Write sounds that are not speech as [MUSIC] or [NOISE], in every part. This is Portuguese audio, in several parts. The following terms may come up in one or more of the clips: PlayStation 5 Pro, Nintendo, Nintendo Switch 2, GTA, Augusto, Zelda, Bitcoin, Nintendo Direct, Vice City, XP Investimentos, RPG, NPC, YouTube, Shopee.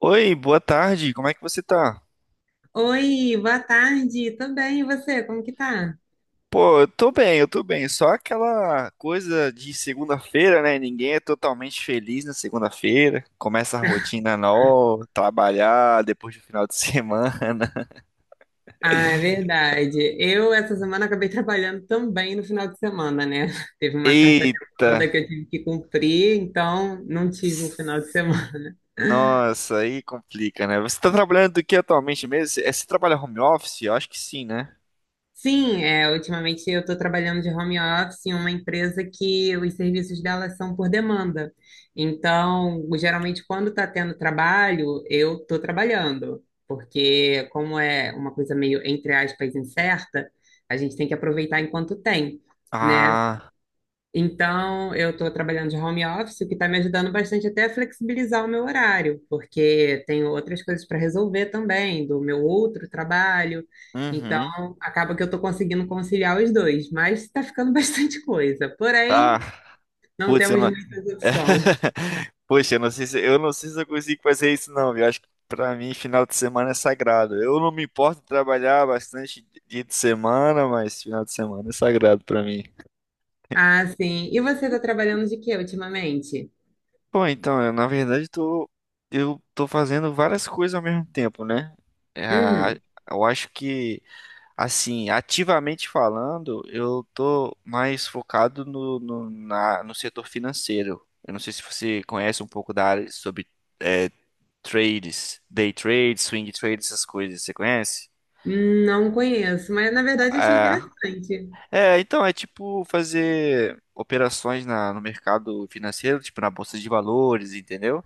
Oi, boa tarde, como é que você tá? Oi, boa tarde. Tô bem, e você? Como que tá? Pô, eu tô bem, eu tô bem. Só aquela coisa de segunda-feira, né? Ninguém é totalmente feliz na segunda-feira. Começa a rotina nova, trabalhar depois do final de semana. Ah, é verdade. Eu, essa semana, acabei [LAUGHS] trabalhando também no final de semana, né? [LAUGHS] Teve [LAUGHS] uma certa demanda que Eita! eu tive que cumprir, então não tive um final de semana. Nossa, aí complica, né? Você tá trabalhando do que atualmente mesmo? Você trabalha home office? Eu acho que sim, né? Sim, é, ultimamente eu estou trabalhando de home office em uma empresa que os serviços dela são por demanda. Então, geralmente, quando está tendo trabalho, eu estou trabalhando, porque como é uma coisa meio, entre aspas, incerta, a gente tem que aproveitar enquanto tem, né? Ah, Então, eu estou trabalhando de home office, o que está me ajudando bastante até a flexibilizar o meu horário, porque tenho outras coisas para resolver também, do meu outro trabalho. uhum. Então, acaba que eu estou conseguindo conciliar os dois, mas está ficando [LAUGHS] bastante coisa. Porém, Ah, não putz, eu temos não, muita opção. [LAUGHS] Poxa, eu não sei se eu consigo fazer isso não, viu? Acho que pra mim final de semana é sagrado. Eu não me importo de trabalhar bastante dia de semana, mas final de semana é sagrado pra mim. Ah, sim. E você está trabalhando de quê ultimamente? Bom, na verdade tô, eu tô fazendo várias coisas ao mesmo tempo, né? É, a- Uhum. eu acho que assim, ativamente falando, eu tô mais focado no setor financeiro. Eu não sei se você conhece um pouco da área sobre é, trades, day trades, swing trades, essas coisas, você conhece? Não conheço, mas na verdade achei É, interessante. Então é tipo fazer operações no mercado financeiro, tipo na bolsa de valores, entendeu?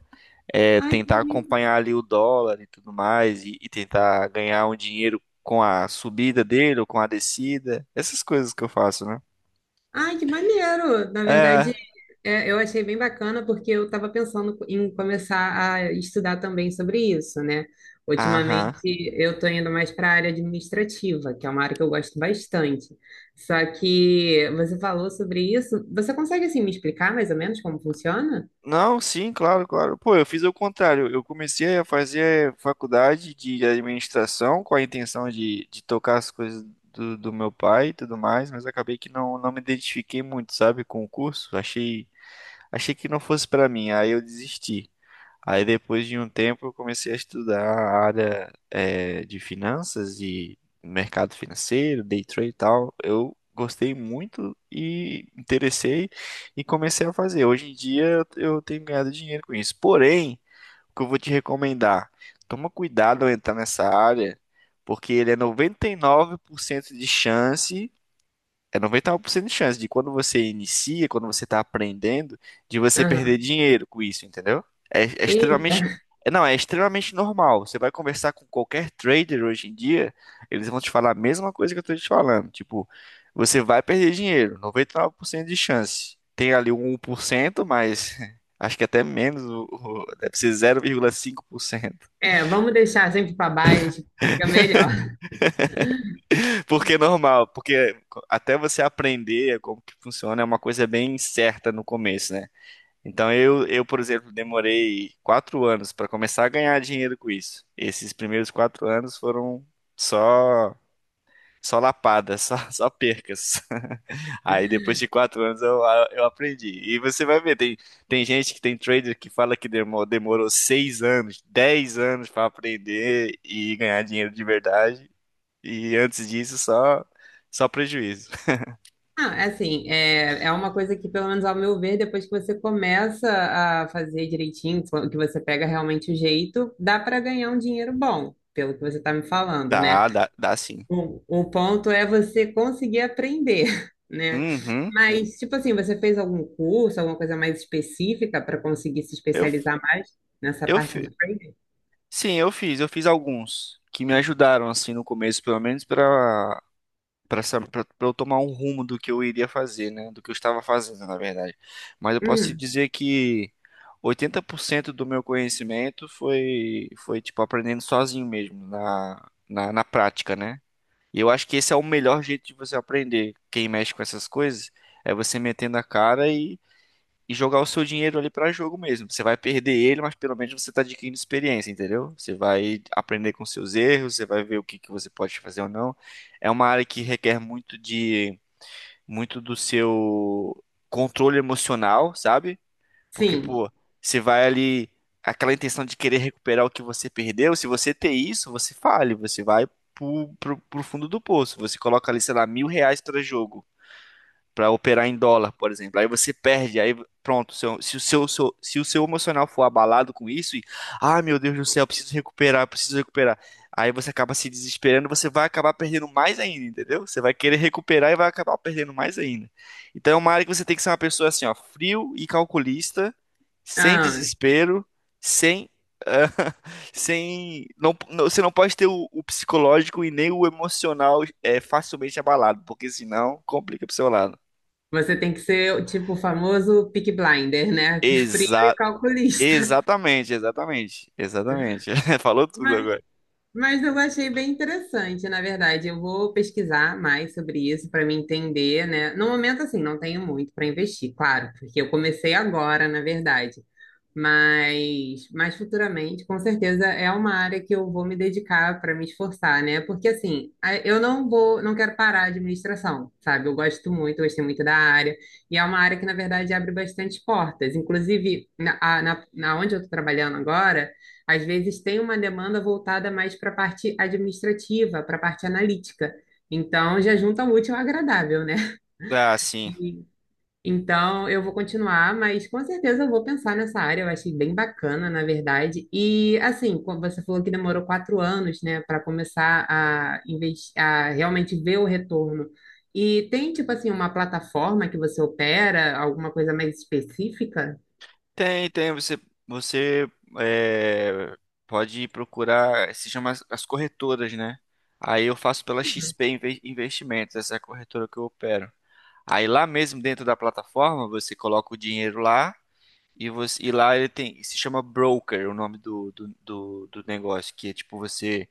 É Ai, que tentar bonito. acompanhar ali o dólar e tudo mais e tentar ganhar um dinheiro com a subida dele ou com a descida, essas coisas que eu faço, né? Ai, que maneiro! Na É, verdade, eu achei bem bacana porque eu estava pensando em começar a estudar também sobre isso, né? aham. Ultimamente, eu estou indo mais para a área administrativa, que é uma área que eu gosto bastante. Só que você falou sobre isso. Você consegue, assim, me explicar mais ou menos como funciona? Não, sim, claro, claro. Pô, eu fiz o contrário. Eu comecei a fazer faculdade de administração com a intenção de tocar as coisas do meu pai e tudo mais, mas acabei que não me identifiquei muito, sabe, com o curso. Achei que não fosse pra mim, aí eu desisti. Aí depois de um tempo eu comecei a estudar a área de finanças e mercado financeiro, day trade e tal. Eu gostei muito e interessei e comecei a fazer. Hoje em dia eu tenho ganhado dinheiro com isso. Porém, o que eu vou te recomendar, toma cuidado ao entrar nessa área, porque ele é 99% de chance, é noventa e nove por cento de chance de quando você inicia, quando você está aprendendo, de você perder Aham. dinheiro com isso, entendeu? É, é Eita. extremamente. Não, é extremamente normal. Você vai conversar com qualquer trader hoje em dia, eles vão te falar a mesma coisa que eu estou te falando. Tipo, você vai perder dinheiro, 99% de chance. Tem ali 1%, mas [LAUGHS] acho que até menos, deve ser 0,5%, É, vamos deixar sempre para baixo, fica melhor. [LAUGHS] porque é normal, porque até você aprender como que funciona é uma coisa bem certa no começo, né? Então, por exemplo, demorei 4 anos para começar a ganhar dinheiro com isso. Esses primeiros 4 anos foram só só lapadas, só, [LAUGHS] só percas. [LAUGHS] Aí depois de quatro anos eu aprendi. E você vai ver, tem gente que tem trader que fala que demorou 6 anos, 10 anos para aprender e ganhar dinheiro de verdade. E antes disso só prejuízo. [LAUGHS] Ah, assim, é uma coisa que, pelo menos ao meu ver, depois que você começa a fazer direitinho, que você pega realmente o jeito, dá para ganhar um dinheiro bom, pelo que você está me falando, né? Dá, dá sim. O ponto é você conseguir aprender, [LAUGHS] né? Uhum. Mas, tipo assim, você fez algum curso, alguma coisa mais específica para conseguir se Eu, especializar mais nessa eu, parte do trading? Sim, eu fiz alguns que me ajudaram assim no começo, pelo menos para para eu tomar um rumo do que eu iria fazer, né, do que eu estava fazendo, na verdade. Mas eu posso te Hum, dizer que 80% do meu conhecimento foi tipo aprendendo sozinho mesmo na prática, né? E eu acho que esse é o melhor jeito de você aprender. Quem mexe com essas coisas é você metendo a cara e jogar o seu dinheiro ali pra jogo mesmo. Você vai perder ele, mas pelo menos você tá adquirindo experiência, entendeu? Você vai aprender com seus erros, você vai ver o que que você pode fazer ou não. É uma área que requer muito do seu controle emocional, sabe? Porque, sim. pô, você vai ali aquela intenção de querer recuperar o que você perdeu, se você ter isso, você fale, você vai pro fundo do poço. Você coloca ali, sei lá, R$ 1.000 para jogo para operar em dólar, por exemplo. Aí você perde, aí pronto, se o seu emocional for abalado com isso e, ah, meu Deus do céu, preciso recuperar, preciso recuperar. Aí você acaba se desesperando, você vai acabar perdendo mais ainda, entendeu? Você vai querer recuperar e vai acabar perdendo mais ainda. Então é uma área que você tem que ser uma pessoa assim, ó, frio e calculista, sem Ah, desespero, sem [LAUGHS] sem não, não- você não pode ter o psicológico e nem o emocional é facilmente abalado, porque senão complica pro seu lado. você tem que ser, tipo, o famoso pick Blinder, né? [LAUGHS] Frio e Exa calculista. exatamente, exatamente. [LAUGHS] Falou tudo agora. Mas eu achei bem interessante, na verdade. Eu vou pesquisar mais sobre isso para me entender, né? No momento, assim, não tenho muito para investir, claro, porque eu comecei agora, na verdade. Mas futuramente, com certeza, é uma área que eu vou me dedicar para me esforçar, né? Porque assim, a- eu não vou, não quero parar a administração, sabe? Eu gosto muito, eu gostei muito da área, e é uma área que, na verdade, abre bastante portas. Inclusive, na onde eu estou trabalhando agora. Às vezes tem uma demanda voltada mais para a parte administrativa, para a parte analítica. Então, já junta o útil ao agradável, né? Ah, [LAUGHS] sim. E- então, eu vou continuar, mas com certeza eu vou pensar nessa área. Eu achei bem bacana, na verdade. E, assim, como você falou que demorou 4 anos, né, para começar a, inves- a realmente ver o retorno. E tem, tipo assim, uma plataforma que você opera, alguma coisa mais específica? Tem, tem. Você é, pode procurar, se chama as corretoras, né? Aí eu faço pela XP Inve- Investimentos, essa é a corretora que eu opero. Aí lá mesmo dentro da plataforma, você coloca o dinheiro lá e lá ele tem, se chama broker, o nome do negócio, que é tipo você.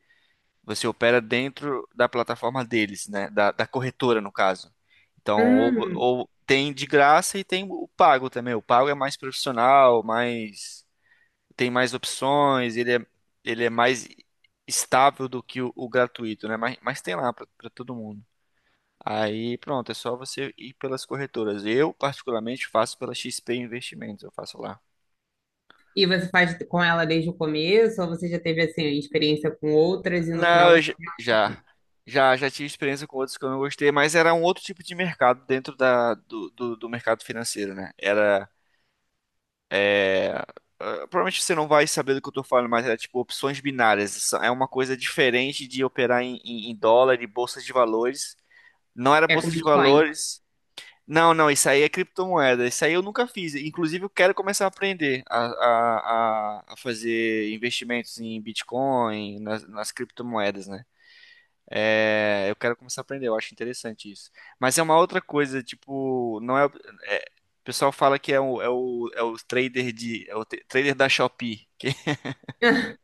Você opera dentro da plataforma deles, né? Da corretora, no caso. Então, Hum. ou tem de graça e tem o pago também. O pago é mais profissional, mais tem mais opções, ele é mais estável do que o gratuito, né? Mas tem lá para todo mundo. Aí, pronto, é só você ir pelas corretoras. Eu, particularmente, faço pela XP Investimentos, eu faço lá. E você faz com ela desde o começo, ou você já teve assim experiência com outras e no final Não, eu você j- realmente já, já, já tive experiência com outros que eu não gostei, mas era um outro tipo de mercado dentro do mercado financeiro, né? Ah, provavelmente você não vai saber do que eu tô falando, mas era tipo opções binárias. Isso é uma coisa diferente de operar em dólar e bolsa de valores. Não era é com bolsa de Bitcoin? valores. Não, não, isso aí é criptomoeda. Isso aí eu nunca fiz. Inclusive, eu quero começar a aprender a fazer investimentos em Bitcoin, nas criptomoedas, né? É, eu quero começar a aprender, eu acho interessante isso. Mas é uma outra coisa, tipo, não é, é, o pessoal fala que é é o trader é o trader da Shopee, [LAUGHS] [LAUGHS]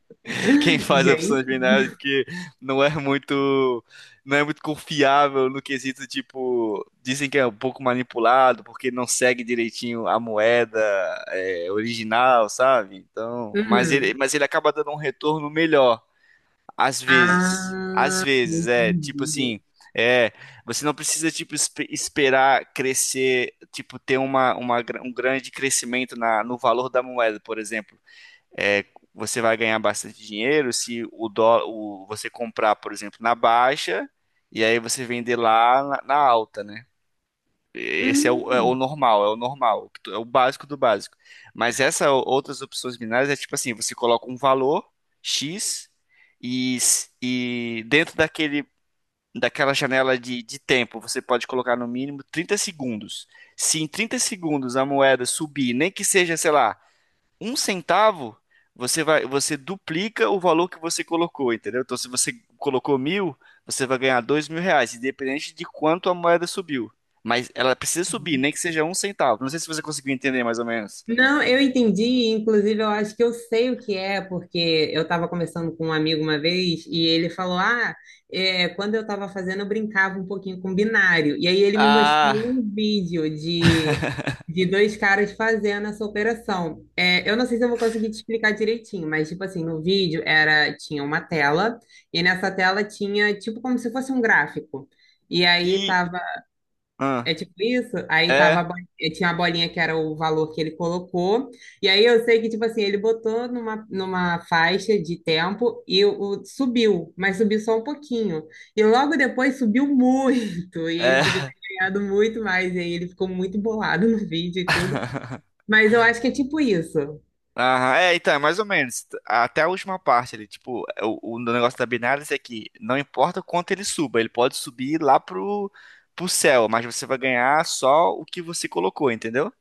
quem faz opções Gente. binárias que não é muito, não é muito confiável no quesito, tipo, dizem que é um pouco manipulado porque não segue direitinho a moeda, é, original, sabe? Então, Uhum. mas ele acaba dando um retorno melhor. Ah, Às vezes, é, tipo entendi. assim, é, você não precisa, tipo, esperar crescer, tipo, ter um grande crescimento no valor da moeda, por exemplo. É, você vai ganhar bastante dinheiro se o dólar, o, você comprar, por exemplo, na baixa e aí você vender lá na alta, né? Esse é Hum. É o normal, que é o básico do básico. Mas essas outras opções binárias é tipo assim, você coloca um valor X e dentro daquela janela de tempo você pode colocar no mínimo 30 segundos. Se em 30 segundos a moeda subir, nem que seja, sei lá, um centavo, você duplica o valor que você colocou, entendeu? Então, se você colocou 1.000, você vai ganhar R$ 2.000, independente de quanto a moeda subiu. Mas ela precisa subir, nem que seja um centavo. Não sei se você conseguiu entender mais ou menos. Não, eu entendi, inclusive eu acho que eu sei o que é, porque eu estava conversando com um amigo uma vez e ele falou: Ah, é, quando eu estava fazendo, eu brincava um pouquinho com binário. E aí ele me mostrou Ah, um vídeo de dois caras fazendo essa operação. É, eu não sei se eu vou conseguir te explicar direitinho, mas tipo assim, no vídeo era, tinha uma tela, e nessa tela tinha tipo como se fosse um gráfico. E aí e. estava ah, é tipo isso? Aí tava a é, bolinha, tinha a bolinha que era o valor que ele colocou. E aí eu sei que, tipo assim, ele botou numa, numa faixa de tempo e o, subiu, mas subiu só um pouquinho. E logo depois subiu muito. E ele podia ter é. ganhado muito mais. E aí ele ficou muito bolado [LAUGHS] no vídeo e tudo. [LAUGHS] Mas eu acho que é tipo isso. Aham, é, então, é mais ou menos. Até a última parte ali, tipo, o negócio da binária é que não importa o quanto ele suba, ele pode subir lá pro céu, mas você vai ganhar só o que você colocou, entendeu?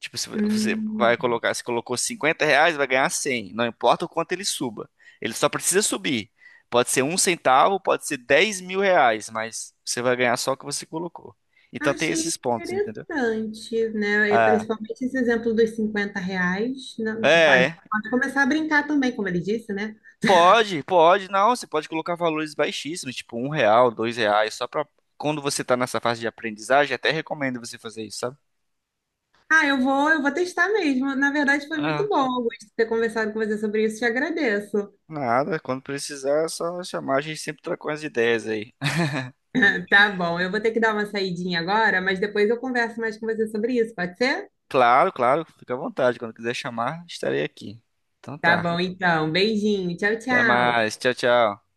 Tipo, se você vai Hum, colocar, se colocou R$ 50, vai ganhar 100. Não importa o quanto ele suba. Ele só precisa subir. Pode ser um centavo, pode ser R$ 10.000, mas você vai ganhar só o que você colocou. Então tem achei esses pontos, entendeu? interessante, né? E Ah, principalmente esse exemplo dos R$ 50. Não, tu pode, é. pode começar a brincar também, como ele disse, né? Pode, pode, não, você pode colocar valores baixíssimos, tipo um real, dois reais, só pra quando você tá nessa fase de aprendizagem, até recomendo você fazer isso, sabe? Ah, eu vou testar mesmo. Na verdade, foi muito Ah, bom, Augusto, ter conversado com você sobre isso. Te agradeço. nada, quando precisar é só chamar, a gente sempre troca umas ideias aí. [LAUGHS] [LAUGHS] Tá bom, eu vou ter que dar uma saidinha agora, mas depois eu converso mais com você sobre isso, pode ser? Claro, claro, fica à vontade, quando quiser chamar, estarei aqui. Então Tá tá, bom, então. Beijinho. Tchau, até tchau. mais, tchau, tchau.